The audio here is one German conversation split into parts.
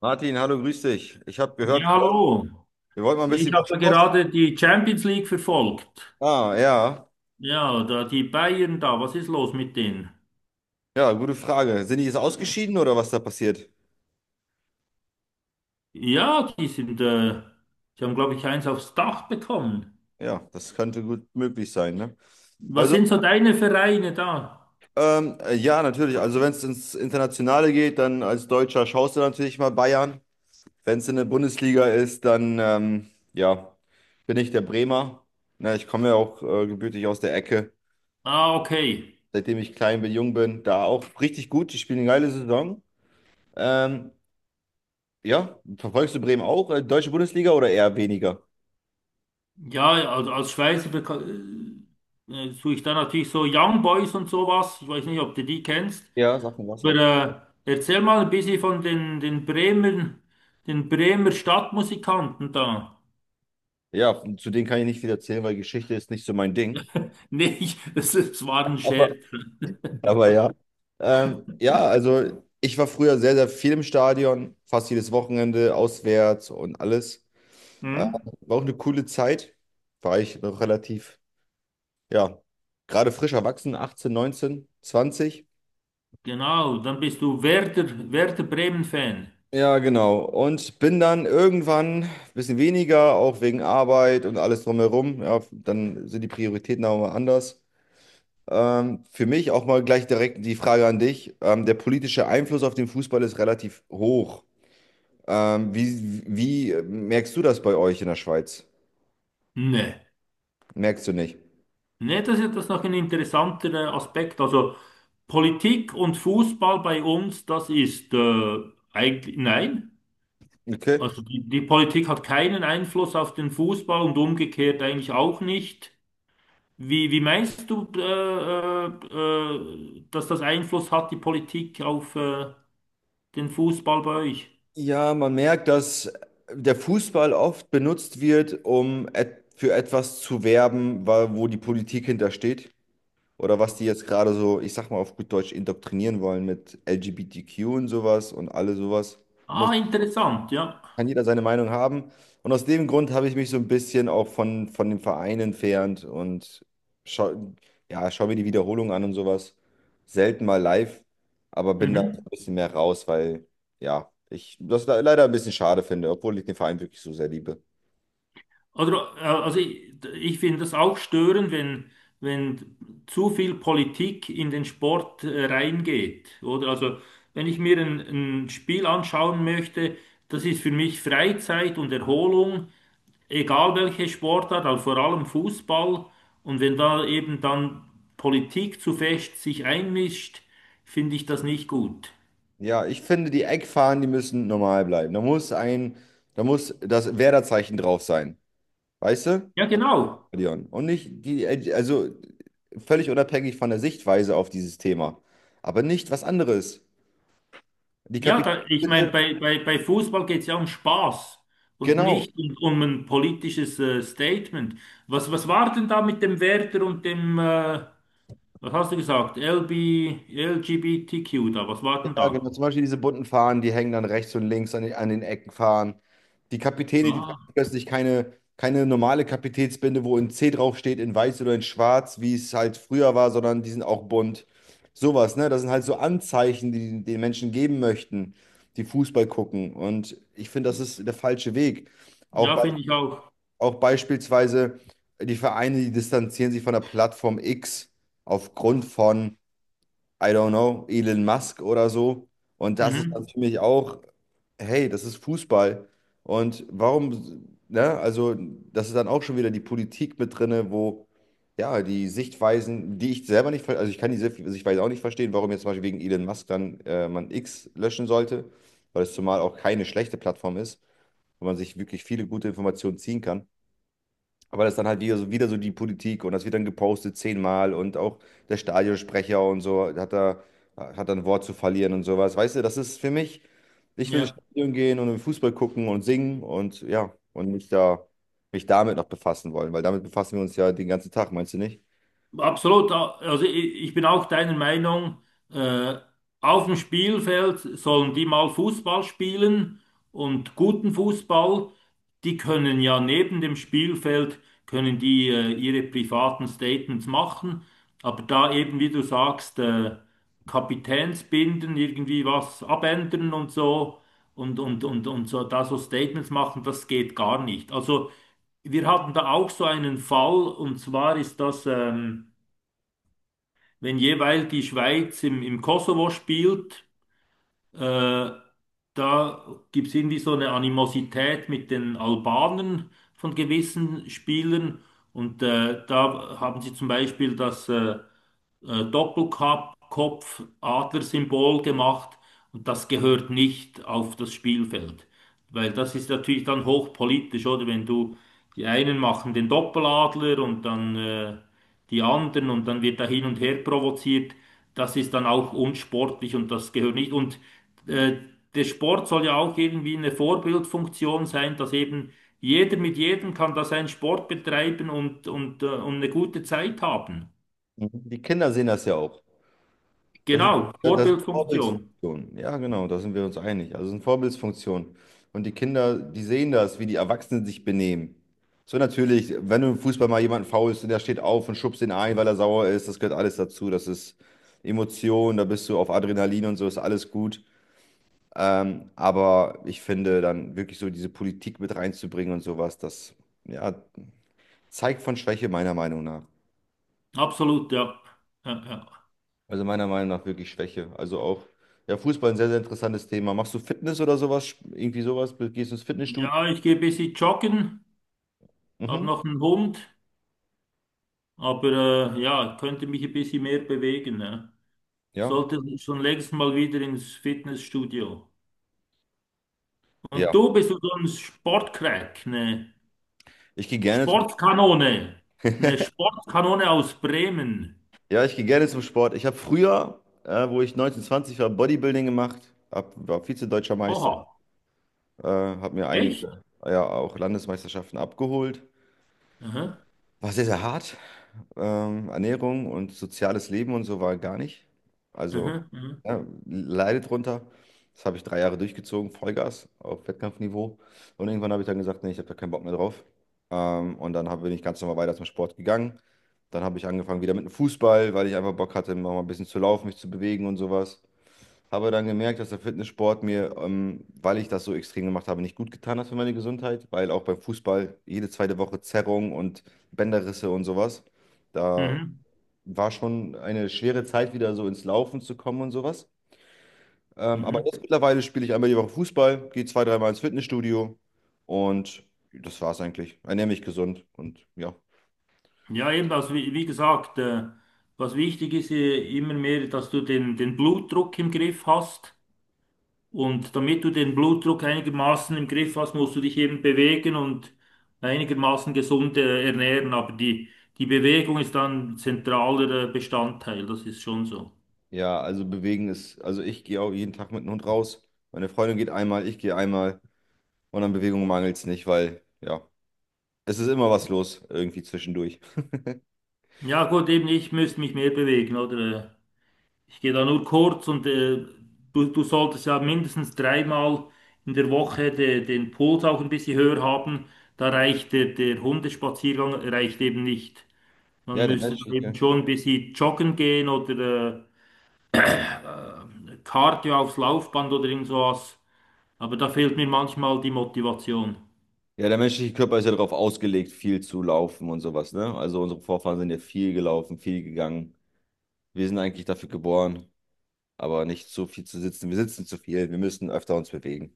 Martin, hallo, grüß dich. Ich habe gehört, Ja, wir wollten hallo. wir wollten mal ein bisschen Ich über habe Sport. gerade die Champions League verfolgt. Ah, ja. Ja, da die Bayern da, was ist los mit denen? Ja, gute Frage. Sind die jetzt ausgeschieden oder was da passiert? Ja, die sind, die haben, glaube ich, eins aufs Dach bekommen. Ja, das könnte gut möglich sein, ne? Was Also, sind so deine Vereine da? Ja, natürlich. Also, wenn es ins Internationale geht, dann als Deutscher schaust du natürlich mal Bayern. Wenn es in der Bundesliga ist, dann, ja, bin ich der Bremer. Na, ich komme ja auch gebürtig aus der Ecke. Ah, okay. Seitdem ich klein bin, jung bin, da auch richtig gut. Die spielen eine geile Saison. Ähm, Ja, verfolgst du Bremen auch? Deutsche Bundesliga oder eher weniger? Ja, also als Schweizer suche ich da natürlich so Young Boys und sowas. Ich weiß nicht, ob du die kennst. Ja, sag mir was, Aber ja. Erzähl mal ein bisschen von den Bremen, den Bremer Stadtmusikanten da. Ja, zu denen kann ich nicht viel erzählen, weil Geschichte ist nicht so mein Ding. Nee, ich, das, das war ein Aber, Scherz. aber ja. Ja, also ich war früher sehr, sehr viel im Stadion, fast jedes Wochenende, auswärts und alles. Äh, Hm? War auch eine coole Zeit. War ich noch relativ, ja, gerade frisch erwachsen, 18, 19, 20. Genau, dann bist du Werder, Bremen-Fan. Ja, genau. Und bin dann irgendwann ein bisschen weniger, auch wegen Arbeit und alles drumherum. Ja, dann sind die Prioritäten auch mal anders. Für mich auch mal gleich direkt die Frage an dich. Der politische Einfluss auf den Fußball ist relativ hoch. Wie merkst du das bei euch in der Schweiz? Nee. Merkst du nicht? Nee, das ist das noch ein interessanter Aspekt. Also Politik und Fußball bei uns, das ist eigentlich, nein. Okay. Also die Politik hat keinen Einfluss auf den Fußball und umgekehrt eigentlich auch nicht. Wie, wie meinst du, äh, dass das Einfluss hat, die Politik auf den Fußball bei euch? Ja, man merkt, dass der Fußball oft benutzt wird, um et für etwas zu werben, wo die Politik hintersteht. Oder was die jetzt gerade so, ich sag mal auf gut Deutsch, indoktrinieren wollen mit L G B T Q und sowas und alle sowas. Muss, Ah, interessant, ja. Kann jeder seine Meinung haben. Und aus dem Grund habe ich mich so ein bisschen auch von dem Verein entfernt und schau, ja, schau mir die Wiederholung an und sowas. Selten mal live, aber bin da ein Mhm. bisschen mehr raus, weil ja, ich das leider ein bisschen schade finde, obwohl ich den Verein wirklich so sehr liebe. Oder, also ich finde das auch störend, wenn, wenn zu viel Politik in den Sport reingeht. Oder also, wenn ich mir ein Spiel anschauen möchte, das ist für mich Freizeit und Erholung, egal welche Sportart, aber vor allem Fußball. Und wenn da eben dann Politik zu fest sich einmischt, finde ich das nicht gut. Ja, ich finde, die Eckfahnen, die müssen normal bleiben. Da muss das Werderzeichen drauf sein. Weißt du, Ja, genau. Leon? Und nicht die, also völlig unabhängig von der Sichtweise auf dieses Thema. Aber nicht was anderes. Die Ja, da, ich Kapitalisten, meine, bei Fußball geht es ja um Spaß und genau. nicht um, um ein politisches Statement. Was, was war denn da mit dem Werder und dem, was hast du gesagt, LB, LGBTQ da? Was war denn Ja, da? genau. Zum Beispiel diese bunten Fahnen, die hängen dann rechts und links an den Ecken fahren. Die Kapitäne, die tragen Ah, plötzlich keine normale Kapitätsbinde, wo ein C draufsteht, in weiß oder in schwarz, wie es halt früher war, sondern die sind auch bunt. Sowas, ne? Das sind halt so Anzeichen, die den Menschen geben möchten, die Fußball gucken. Und ich finde, das ist der falsche Weg. Auch, ja, bei, finde ich auch. auch beispielsweise die Vereine, die distanzieren sich von der Plattform X aufgrund von. I don't know, Elon Musk oder so. Und das ist dann Mhm. für mich auch, hey, das ist Fußball. Und warum, ne, also das ist dann auch schon wieder die Politik mit drinne, wo ja die Sichtweisen, die ich selber nicht, ver- also ich kann die Sichtweise auch nicht verstehen, warum jetzt zum Beispiel wegen Elon Musk dann man X löschen sollte, weil es zumal auch keine schlechte Plattform ist, wo man sich wirklich viele gute Informationen ziehen kann. Aber das ist dann halt wieder so die Politik und das wird dann gepostet zehnmal und auch der Stadionsprecher und so hat da ein Wort zu verlieren und sowas. Weißt du, das ist für mich, ich will ins Ja. Stadion gehen und im Fußball gucken und singen und ja, mich damit noch befassen wollen, weil damit befassen wir uns ja den ganzen Tag, meinst du nicht? Absolut, also ich bin auch deiner Meinung, äh, auf dem Spielfeld sollen die mal Fußball spielen und guten Fußball. Die können ja neben dem Spielfeld, können die ihre privaten Statements machen, aber da eben, wie du sagst, Kapitänsbinden, irgendwie was abändern und so, da so Statements machen, das geht gar nicht. Also wir hatten da auch so einen Fall und zwar ist das. Wenn jeweils die Schweiz im Kosovo spielt, äh, da gibt es irgendwie so eine Animosität mit den Albanern von gewissen Spielern. Und da haben sie zum Beispiel das Doppelkopf, Adlersymbol gemacht und das gehört nicht auf das Spielfeld. Weil das ist natürlich dann hochpolitisch, oder? Wenn du, die einen machen den Doppeladler und dann die anderen und dann wird da hin und her provoziert. Das ist dann auch unsportlich und das gehört nicht. Und äh, der Sport soll ja auch irgendwie eine Vorbildfunktion sein, dass eben jeder mit jedem kann da seinen Sport betreiben und, und eine gute Zeit haben. Mhm. Die Kinder sehen das ja auch. Das ist, Genau, das ist Vorbildfunktion. Vorbildsfunktion. Ja, genau, da sind wir uns einig. Also es sind Vorbildsfunktion. Und die Kinder, die sehen das, wie die Erwachsenen sich benehmen. So natürlich, wenn du im Fußball mal jemanden faulst und der steht auf und schubst ihn ein, weil er sauer ist, das gehört alles dazu. Das ist Emotion, da bist du auf Adrenalin und so, ist alles gut. Aber ich finde, dann wirklich so diese Politik mit reinzubringen und sowas, das ja, zeigt von Schwäche meiner Meinung nach. Absolut, ja. Ja, ja. Also meiner Meinung nach wirklich Schwäche. Also auch, ja, Fußball ein sehr, sehr interessantes Thema. Machst du Fitness oder sowas? Irgendwie sowas? Gehst du ins Fitnessstudio? Ja, ich gehe ein bisschen joggen, habe Mhm. noch einen Hund, aber ja, könnte mich ein bisschen mehr bewegen. Ja. Ja. Sollte schon längst mal wieder ins Fitnessstudio. Und Ja. du bist so ein Sportcrack, Ich gehe gerne zum, Sportkanone, eine Sportkanone aus Bremen. ja, ich gehe gerne zum Sport. Ich habe früher, wo ich 19, 20 war, Bodybuilding gemacht, war Vize-Deutscher Meister, Oha, habe mir echt? einige, ja, auch Landesmeisterschaften abgeholt. Aha, War sehr, sehr hart. Ernährung und soziales Leben und so war gar nicht. Also aha, aha, ja, leide drunter. Das habe ich drei Jahre durchgezogen, Vollgas auf Wettkampfniveau. Und irgendwann habe ich dann gesagt, nee, ich habe da keinen Bock mehr drauf. Bin ich ganz normal weiter zum Sport gegangen. Dann habe ich angefangen wieder mit dem Fußball, weil ich einfach Bock hatte, noch mal ein bisschen zu laufen, mich zu bewegen und sowas. Habe dann gemerkt, dass der Fitnesssport mir, weil ich das so extrem gemacht habe, nicht gut getan hat für meine Gesundheit, weil auch beim Fußball jede zweite Woche Zerrung und Bänderrisse und sowas. Da mhm, war schon eine schwere Zeit, wieder so ins Laufen zu kommen und sowas. Aber mhm. jetzt mittlerweile spiele ich einmal die Woche Fußball, gehe zwei, dreimal ins Fitnessstudio und das war's eigentlich. Ernähre mich gesund und ja. Ja, eben, also wie, wie gesagt, was wichtig ist immer mehr, dass du den Blutdruck im Griff hast. Und damit du den Blutdruck einigermaßen im Griff hast, musst du dich eben bewegen und einigermaßen gesund ernähren. Aber die, die Bewegung ist dann zentraler Bestandteil, das ist schon so. Ja, also bewegen ist, also ich gehe auch jeden Tag mit dem Hund raus. Meine Freundin geht einmal, ich gehe einmal und an Bewegung mangelt es nicht, weil ja. Es ist immer was los, irgendwie zwischendurch. Ja, gut, eben ich müsste mich mehr bewegen, oder? Ich gehe da nur kurz und du, du solltest ja mindestens dreimal in der Woche den Puls auch ein bisschen höher haben. Da reicht der, der Hundespaziergang reicht eben nicht. Man Ja, der müsste dann eben menschliche, schon ein bisschen joggen gehen oder Cardio aufs Laufband oder irgend sowas. Aber da fehlt mir manchmal die Motivation. ja, der menschliche Körper ist ja darauf ausgelegt, viel zu laufen und sowas, ne? Also unsere Vorfahren sind ja viel gelaufen, viel gegangen. Wir sind eigentlich dafür geboren, aber nicht so viel zu sitzen. Wir sitzen zu viel, wir müssen öfter uns bewegen.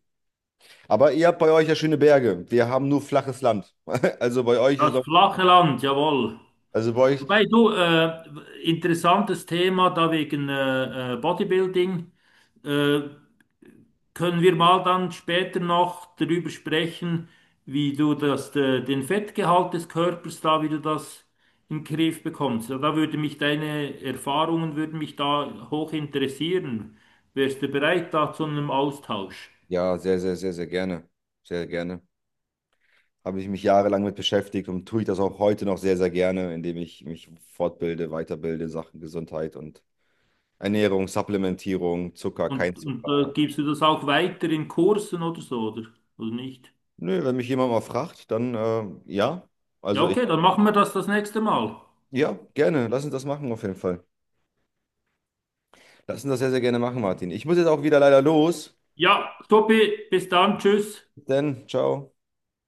Aber ihr habt bei euch ja schöne Berge. Wir haben nur flaches Land. Also bei euch ist Das noch, flache Land, jawohl. also bei euch, Wobei du, interessantes Thema da wegen Bodybuilding. Äh, Können wir mal dann später noch darüber sprechen, wie du das, den Fettgehalt des Körpers da, wie du das in den Griff bekommst? Ja, da würde mich deine Erfahrungen würden mich da hoch interessieren. Wärst du bereit da zu einem Austausch? ja, sehr, sehr, sehr, sehr gerne. Sehr gerne. Habe ich mich jahrelang mit beschäftigt und tue ich das auch heute noch sehr, sehr gerne, indem ich mich fortbilde, weiterbilde in Sachen Gesundheit und Ernährung, Supplementierung, Zucker, kein Und, Zucker. gibst du das auch weiter in Kursen oder so, oder? Oder nicht? Nö, wenn mich jemand mal fragt, dann ja. Ja, Also ich, okay, dann machen wir das nächste Mal. ja, gerne. Lass uns das machen auf jeden Fall. Lass uns das sehr, sehr gerne machen, Martin. Ich muss jetzt auch wieder leider los. Ja, Tobi, bis dann, tschüss. Denn, ciao.